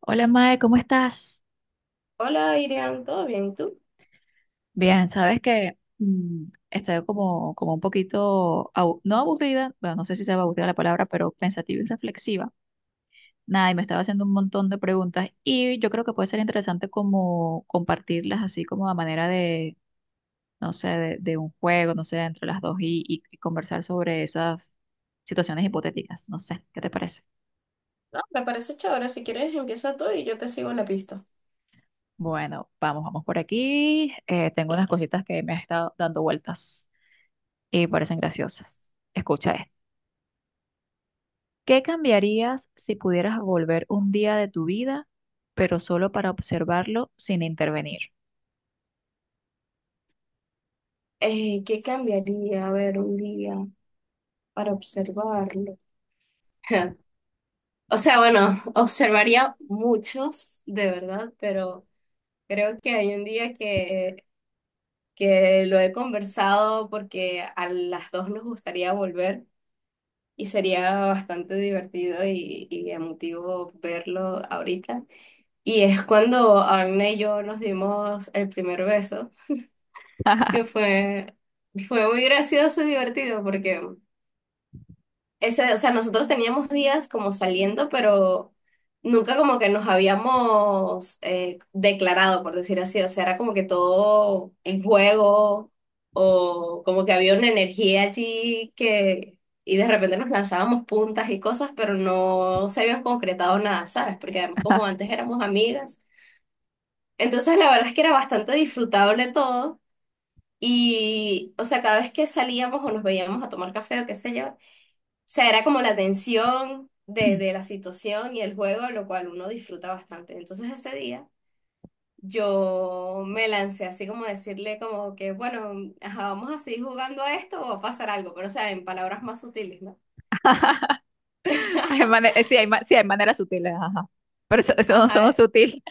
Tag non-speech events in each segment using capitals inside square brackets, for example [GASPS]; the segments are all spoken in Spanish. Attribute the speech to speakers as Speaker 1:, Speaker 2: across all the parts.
Speaker 1: Hola Mae, ¿cómo estás?
Speaker 2: Hola, Irian, ¿todo bien? ¿Tú?
Speaker 1: Bien, sabes que estoy como, como un poquito, no aburrida, bueno, no sé si se va aburrida la palabra, pero pensativa y reflexiva. Nada, y me estaba haciendo un montón de preguntas y yo creo que puede ser interesante como compartirlas así como a manera no sé, de un juego, no sé, entre las dos y conversar sobre esas situaciones hipotéticas. No sé, ¿qué te parece?
Speaker 2: No, me parece chévere. Si quieres, empieza tú y yo te sigo en la pista.
Speaker 1: Bueno, vamos por aquí. Tengo unas cositas que me han estado dando vueltas y parecen graciosas. Escucha esto. ¿Qué cambiarías si pudieras volver un día de tu vida, pero solo para observarlo sin intervenir?
Speaker 2: ¿Qué cambiaría? A ver, un día para observarlo. [LAUGHS] O sea, bueno, [LAUGHS] observaría muchos, de verdad, pero creo que hay un día que lo he conversado porque a las dos nos gustaría volver y sería bastante divertido y emotivo verlo ahorita. Y es cuando Agnes y yo nos dimos el primer beso.
Speaker 1: [CLEARS THROAT]
Speaker 2: que fue, Fue muy gracioso y divertido porque ese, o sea, nosotros teníamos días como saliendo, pero nunca como que nos habíamos declarado, por decir así, o sea, era como que todo en juego o como que había una energía allí que... Y de repente nos lanzábamos puntas y cosas, pero no se habían concretado nada, ¿sabes? Porque además como
Speaker 1: [LAUGHS]
Speaker 2: antes éramos amigas. Entonces la verdad es que era bastante disfrutable todo. Y, o sea, cada vez que salíamos o nos veíamos a tomar café o qué sé yo, o sea, era como la tensión de la situación y el juego, lo cual uno disfruta bastante. Entonces ese día yo me lancé así como a decirle como que, bueno, ajá, vamos a seguir jugando a esto o va a pasar algo, pero o sea, en palabras más sutiles, ¿no?
Speaker 1: Sí, sí, hay maneras sutiles, ajá. Pero eso no son
Speaker 2: Ajá.
Speaker 1: sutil.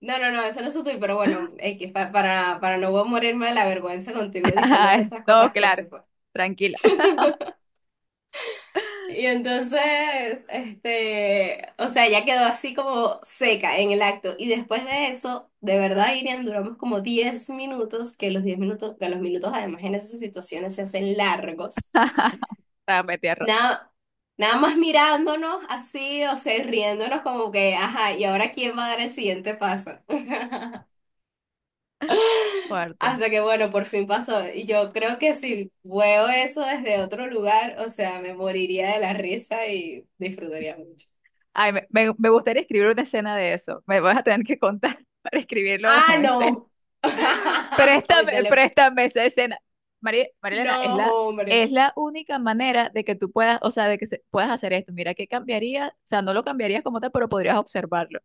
Speaker 2: No, no, no, eso no es sutil, pero bueno, X, para no morirme de la vergüenza contigo
Speaker 1: [LAUGHS]
Speaker 2: diciendo
Speaker 1: Ay,
Speaker 2: todas estas
Speaker 1: no,
Speaker 2: cosas
Speaker 1: claro.
Speaker 2: cursi.
Speaker 1: Tranquila. [LAUGHS]
Speaker 2: Y entonces, este, o sea, ya quedó así como seca en el acto. Y después de eso, de verdad, Irian, duramos como 10 minutos, que los 10 minutos, que los minutos además en esas situaciones se hacen largos.
Speaker 1: Dame tierra.
Speaker 2: Nada, nada más mirándonos así, o sea, riéndonos como que, ajá, ¿y ahora quién va a dar el siguiente paso? [LAUGHS]
Speaker 1: Cuarto.
Speaker 2: Hasta que, bueno, por fin pasó. Y yo creo que si veo eso desde otro lugar, o sea, me moriría de la risa y disfrutaría mucho.
Speaker 1: Ay, me gustaría escribir una escena de eso. Me vas a tener que contar [LAUGHS] para escribirlo [LAUGHS]
Speaker 2: Ah,
Speaker 1: en escena.
Speaker 2: no. [LAUGHS] Cónchale.
Speaker 1: Préstame esa escena. María, Marilena,
Speaker 2: No, hombre.
Speaker 1: es la única manera de que tú puedas, o sea, puedas hacer esto. Mira, ¿qué cambiaría? O sea, no lo cambiarías como tal, pero podrías observarlo,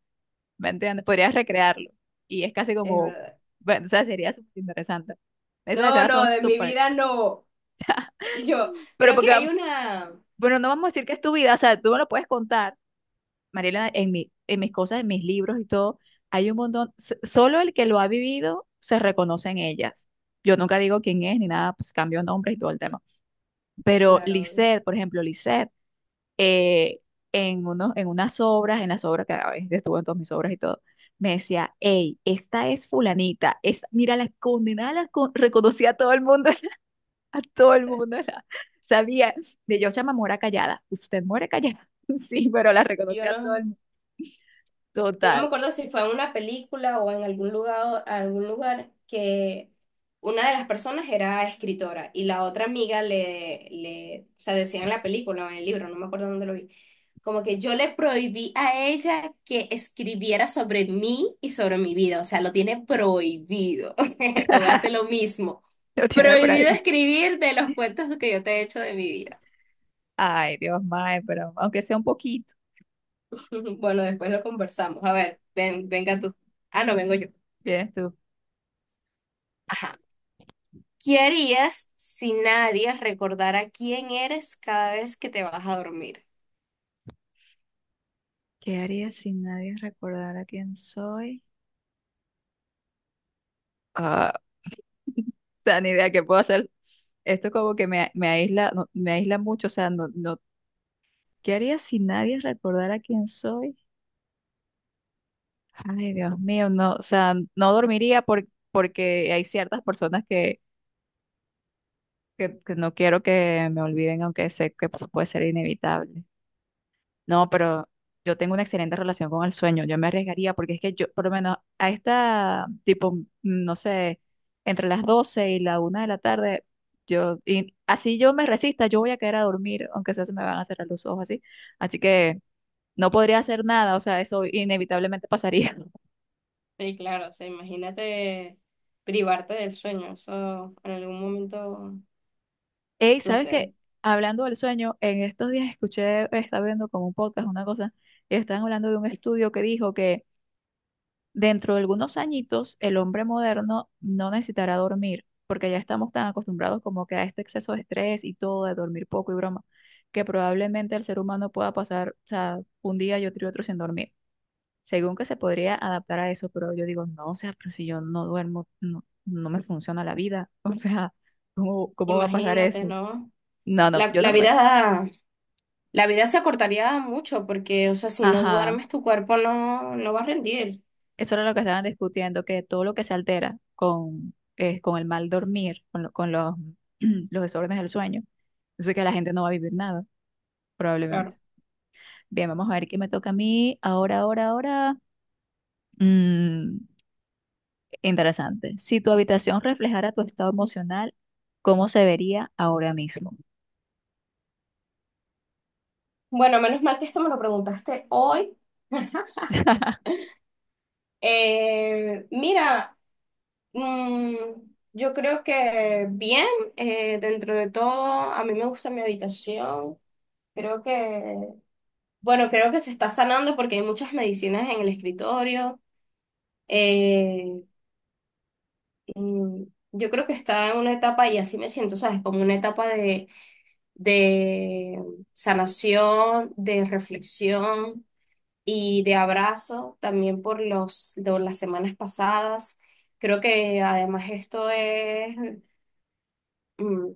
Speaker 1: ¿me entiendes? Podrías recrearlo. Y es casi
Speaker 2: Es
Speaker 1: como,
Speaker 2: verdad.
Speaker 1: bueno, o sea, sería súper interesante. Esas
Speaker 2: No,
Speaker 1: escenas
Speaker 2: no,
Speaker 1: son
Speaker 2: de mi
Speaker 1: súper,
Speaker 2: vida no.
Speaker 1: [LAUGHS]
Speaker 2: Yo
Speaker 1: pero
Speaker 2: creo que
Speaker 1: porque,
Speaker 2: hay una.
Speaker 1: bueno, no vamos a decir que es tu vida, o sea, tú no lo puedes contar, Mariela, en mis cosas, en mis libros y todo, hay un montón, solo el que lo ha vivido se reconoce en ellas. Yo nunca digo quién es ni nada, pues cambio nombres y todo el tema. Pero
Speaker 2: Claro.
Speaker 1: Lisette, por ejemplo, Lisette, eh, en unas obras, en las obras que a veces estuvo en todas mis obras y todo, me decía, hey, esta es fulanita, es, mira, la condenada reconocía a todo el mundo, [LAUGHS] a todo el mundo, [LAUGHS] sabía, de yo se llama Mora Callada, usted muere callada, [LAUGHS] sí, pero la
Speaker 2: Yo
Speaker 1: reconocía a todo
Speaker 2: no.
Speaker 1: el mundo.
Speaker 2: Yo no
Speaker 1: Total.
Speaker 2: me acuerdo si fue en una película o en algún lugar que una de las personas era escritora y la otra amiga o sea, decía en la película o en el libro, no me acuerdo dónde lo vi, como que yo le prohibí a ella que escribiera sobre mí y sobre mi vida, o sea, lo tiene prohibido. [LAUGHS] Te voy a hacer lo mismo.
Speaker 1: [LAUGHS] Lo tiene por
Speaker 2: Prohibido
Speaker 1: ahí.
Speaker 2: escribir de los cuentos que yo te he hecho de mi vida.
Speaker 1: Ay, Dios mío, pero aunque sea un poquito,
Speaker 2: [LAUGHS] Bueno, después lo conversamos. A ver, ven, venga tú. Ah, no, vengo yo.
Speaker 1: vienes tú.
Speaker 2: Ajá. ¿Qué harías si nadie recordara quién eres cada vez que te vas a dormir?
Speaker 1: ¿Qué haría si nadie recordara quién soy? Ah, o sea, ni idea qué puedo hacer. Esto como que me aísla, no, me aísla mucho, o sea, no, no, ¿qué haría si nadie recordara quién soy? Ay, Dios mío, no, o sea, no dormiría porque hay ciertas personas que, que no quiero que me olviden, aunque sé que pues, puede ser inevitable. No, pero yo tengo una excelente relación con el sueño. Yo me arriesgaría porque es que yo, por lo menos a esta, tipo, no sé, entre las 12 y la una de la tarde, yo, y así yo me resista, yo voy a quedar a dormir, aunque sea se me van a cerrar los ojos así. Así que no podría hacer nada, o sea, eso inevitablemente pasaría. [LAUGHS]
Speaker 2: Sí, claro, o sea, imagínate privarte del sueño, eso en algún momento
Speaker 1: Ey, ¿sabes qué?
Speaker 2: sucede.
Speaker 1: Hablando del sueño, en estos días escuché, estaba viendo como un podcast, una cosa, y estaban hablando de un estudio que dijo que dentro de algunos añitos, el hombre moderno no necesitará dormir, porque ya estamos tan acostumbrados como que a este exceso de estrés y todo, de dormir poco y broma, que probablemente el ser humano pueda pasar, o sea, un día y otro sin dormir. Según que se podría adaptar a eso, pero yo digo, no, o sea, pero si yo no duermo, no, no me funciona la vida. [LAUGHS] O sea, ¿cómo va a pasar
Speaker 2: Imagínate,
Speaker 1: eso?
Speaker 2: ¿no?
Speaker 1: No, no,
Speaker 2: La,
Speaker 1: yo no
Speaker 2: la
Speaker 1: me...
Speaker 2: vida, la vida se acortaría mucho porque, o sea, si no
Speaker 1: Ajá.
Speaker 2: duermes, tu cuerpo no va a rendir,
Speaker 1: Eso era lo que estaban discutiendo, que todo lo que se altera con el mal dormir, con los, [CLEARS THROAT] los desórdenes del sueño, eso es que la gente no va a vivir nada, probablemente.
Speaker 2: claro.
Speaker 1: Bien, vamos a ver qué me toca a mí ahora. Mm, interesante. Si tu habitación reflejara tu estado emocional, ¿cómo se vería ahora mismo?
Speaker 2: Bueno, menos mal que esto me lo preguntaste hoy. [LAUGHS] Mira, Mm, yo creo que bien, dentro de todo, a mí me gusta mi habitación. Creo que, bueno, creo que se está sanando porque hay muchas medicinas en el escritorio. Eh, mm, yo creo que está en una etapa, y así me siento, ¿sabes? Como una etapa de sanación, de reflexión y de abrazo también por los, de las semanas pasadas. Creo que además esto es... mm,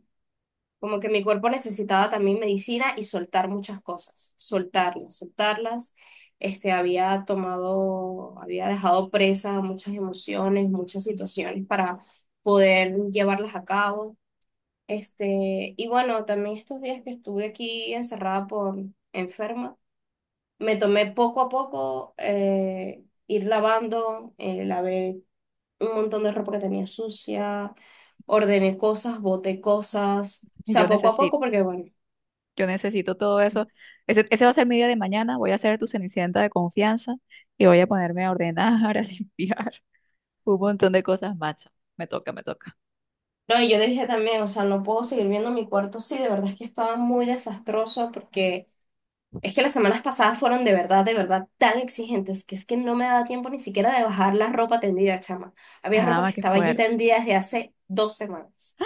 Speaker 2: como que mi cuerpo necesitaba también medicina y soltar muchas cosas, soltarlas, soltarlas. Este, había dejado presa muchas emociones, muchas situaciones para poder llevarlas a cabo. Este, y bueno, también estos días que estuve aquí encerrada por enferma, me tomé poco a poco ir lavando, lavé un montón de ropa que tenía sucia, ordené cosas, boté cosas, o sea,
Speaker 1: Yo
Speaker 2: poco a poco,
Speaker 1: necesito,
Speaker 2: porque bueno.
Speaker 1: yo necesito todo eso. Ese va a ser mi día de mañana. Voy a ser tu cenicienta de confianza y voy a ponerme a ordenar, [LAUGHS] a limpiar, un montón de cosas, macho. Me toca.
Speaker 2: No, y yo dije también, o sea, no puedo seguir viendo mi cuarto. Sí, de verdad es que estaba muy desastroso porque es que las semanas pasadas fueron de verdad tan exigentes que es que no me daba tiempo ni siquiera de bajar la ropa tendida, chama. Había ropa que
Speaker 1: Chama, qué
Speaker 2: estaba allí
Speaker 1: fuerte,
Speaker 2: tendida desde hace 2 semanas.
Speaker 1: [GASPS]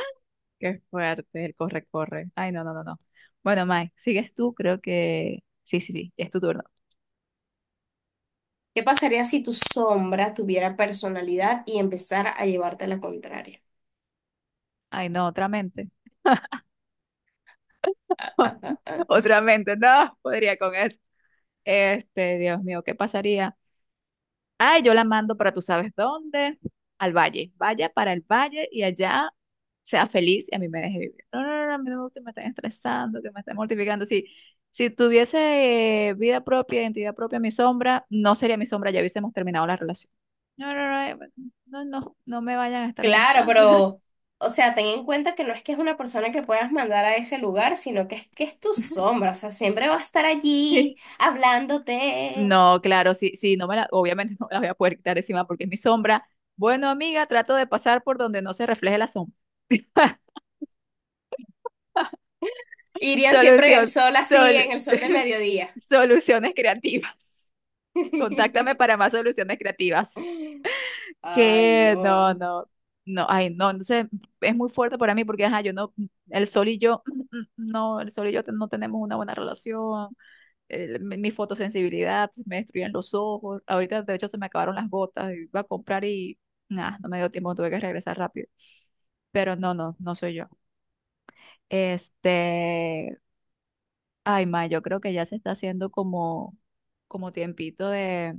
Speaker 1: qué fuerte, el corre, corre. Ay, no, no, no, no. Bueno, Mike, sigues tú, creo que... Sí, sí, sí, es tu turno.
Speaker 2: ¿Qué pasaría si tu sombra tuviera personalidad y empezara a llevarte la contraria?
Speaker 1: Ay, no, otra mente. [LAUGHS]
Speaker 2: [LAUGHS]
Speaker 1: Otra mente, no, podría con eso. Este, Dios mío, ¿qué pasaría? Ay, yo la mando para tú sabes dónde, al valle. Vaya para el valle y allá sea feliz y a mí me deje vivir. No, no, no, no, a mí no me gusta que me estén estresando, que me estén mortificando. Si, si tuviese vida propia, identidad propia, mi sombra, no sería mi sombra, ya hubiésemos terminado la relación. No, no, no, no, no, no me vayan a estar
Speaker 2: Claro,
Speaker 1: molestando.
Speaker 2: pero, o sea, ten en cuenta que no es que es una persona que puedas mandar a ese lugar, sino que es tu
Speaker 1: [LAUGHS]
Speaker 2: sombra, o sea, siempre va a estar allí
Speaker 1: sí
Speaker 2: hablándote.
Speaker 1: No, claro, sí, sí, no me la, obviamente [LAUGHS] no me la voy a poder quitar encima porque es mi sombra. Bueno, amiga, trato de pasar por donde no se refleje la sombra. [LAUGHS]
Speaker 2: Irían siempre en el
Speaker 1: Solución,
Speaker 2: sol así,
Speaker 1: sol-
Speaker 2: en el sol de
Speaker 1: [LAUGHS]
Speaker 2: mediodía.
Speaker 1: soluciones creativas. Contáctame para
Speaker 2: [LAUGHS]
Speaker 1: más soluciones creativas.
Speaker 2: Ay,
Speaker 1: Que no,
Speaker 2: no.
Speaker 1: no, no, ay, no, entonces es muy fuerte para mí porque, ajá, yo no, el sol y yo, no, el sol y yo no tenemos una buena relación, mi fotosensibilidad, me destruyen los ojos, ahorita de hecho se me acabaron las gotas, iba a comprar y, nada, no me dio tiempo, tuve que regresar rápido, pero no, no, no soy yo. Este, ay, ma, yo creo que ya se está haciendo como, como tiempito de,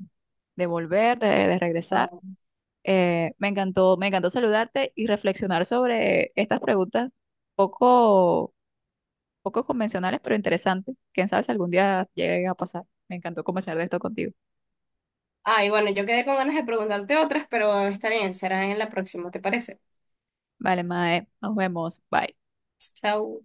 Speaker 1: de regresar.
Speaker 2: Ah.
Speaker 1: Me encantó saludarte y reflexionar sobre estas preguntas poco, poco convencionales, pero interesantes. Quién sabe si algún día llegue a pasar. Me encantó conversar de esto contigo.
Speaker 2: Ay, bueno, yo quedé con ganas de preguntarte otras, pero está bien, será en la próxima, ¿te parece?
Speaker 1: Vale, Mae, nos vemos. Bye.
Speaker 2: Chao.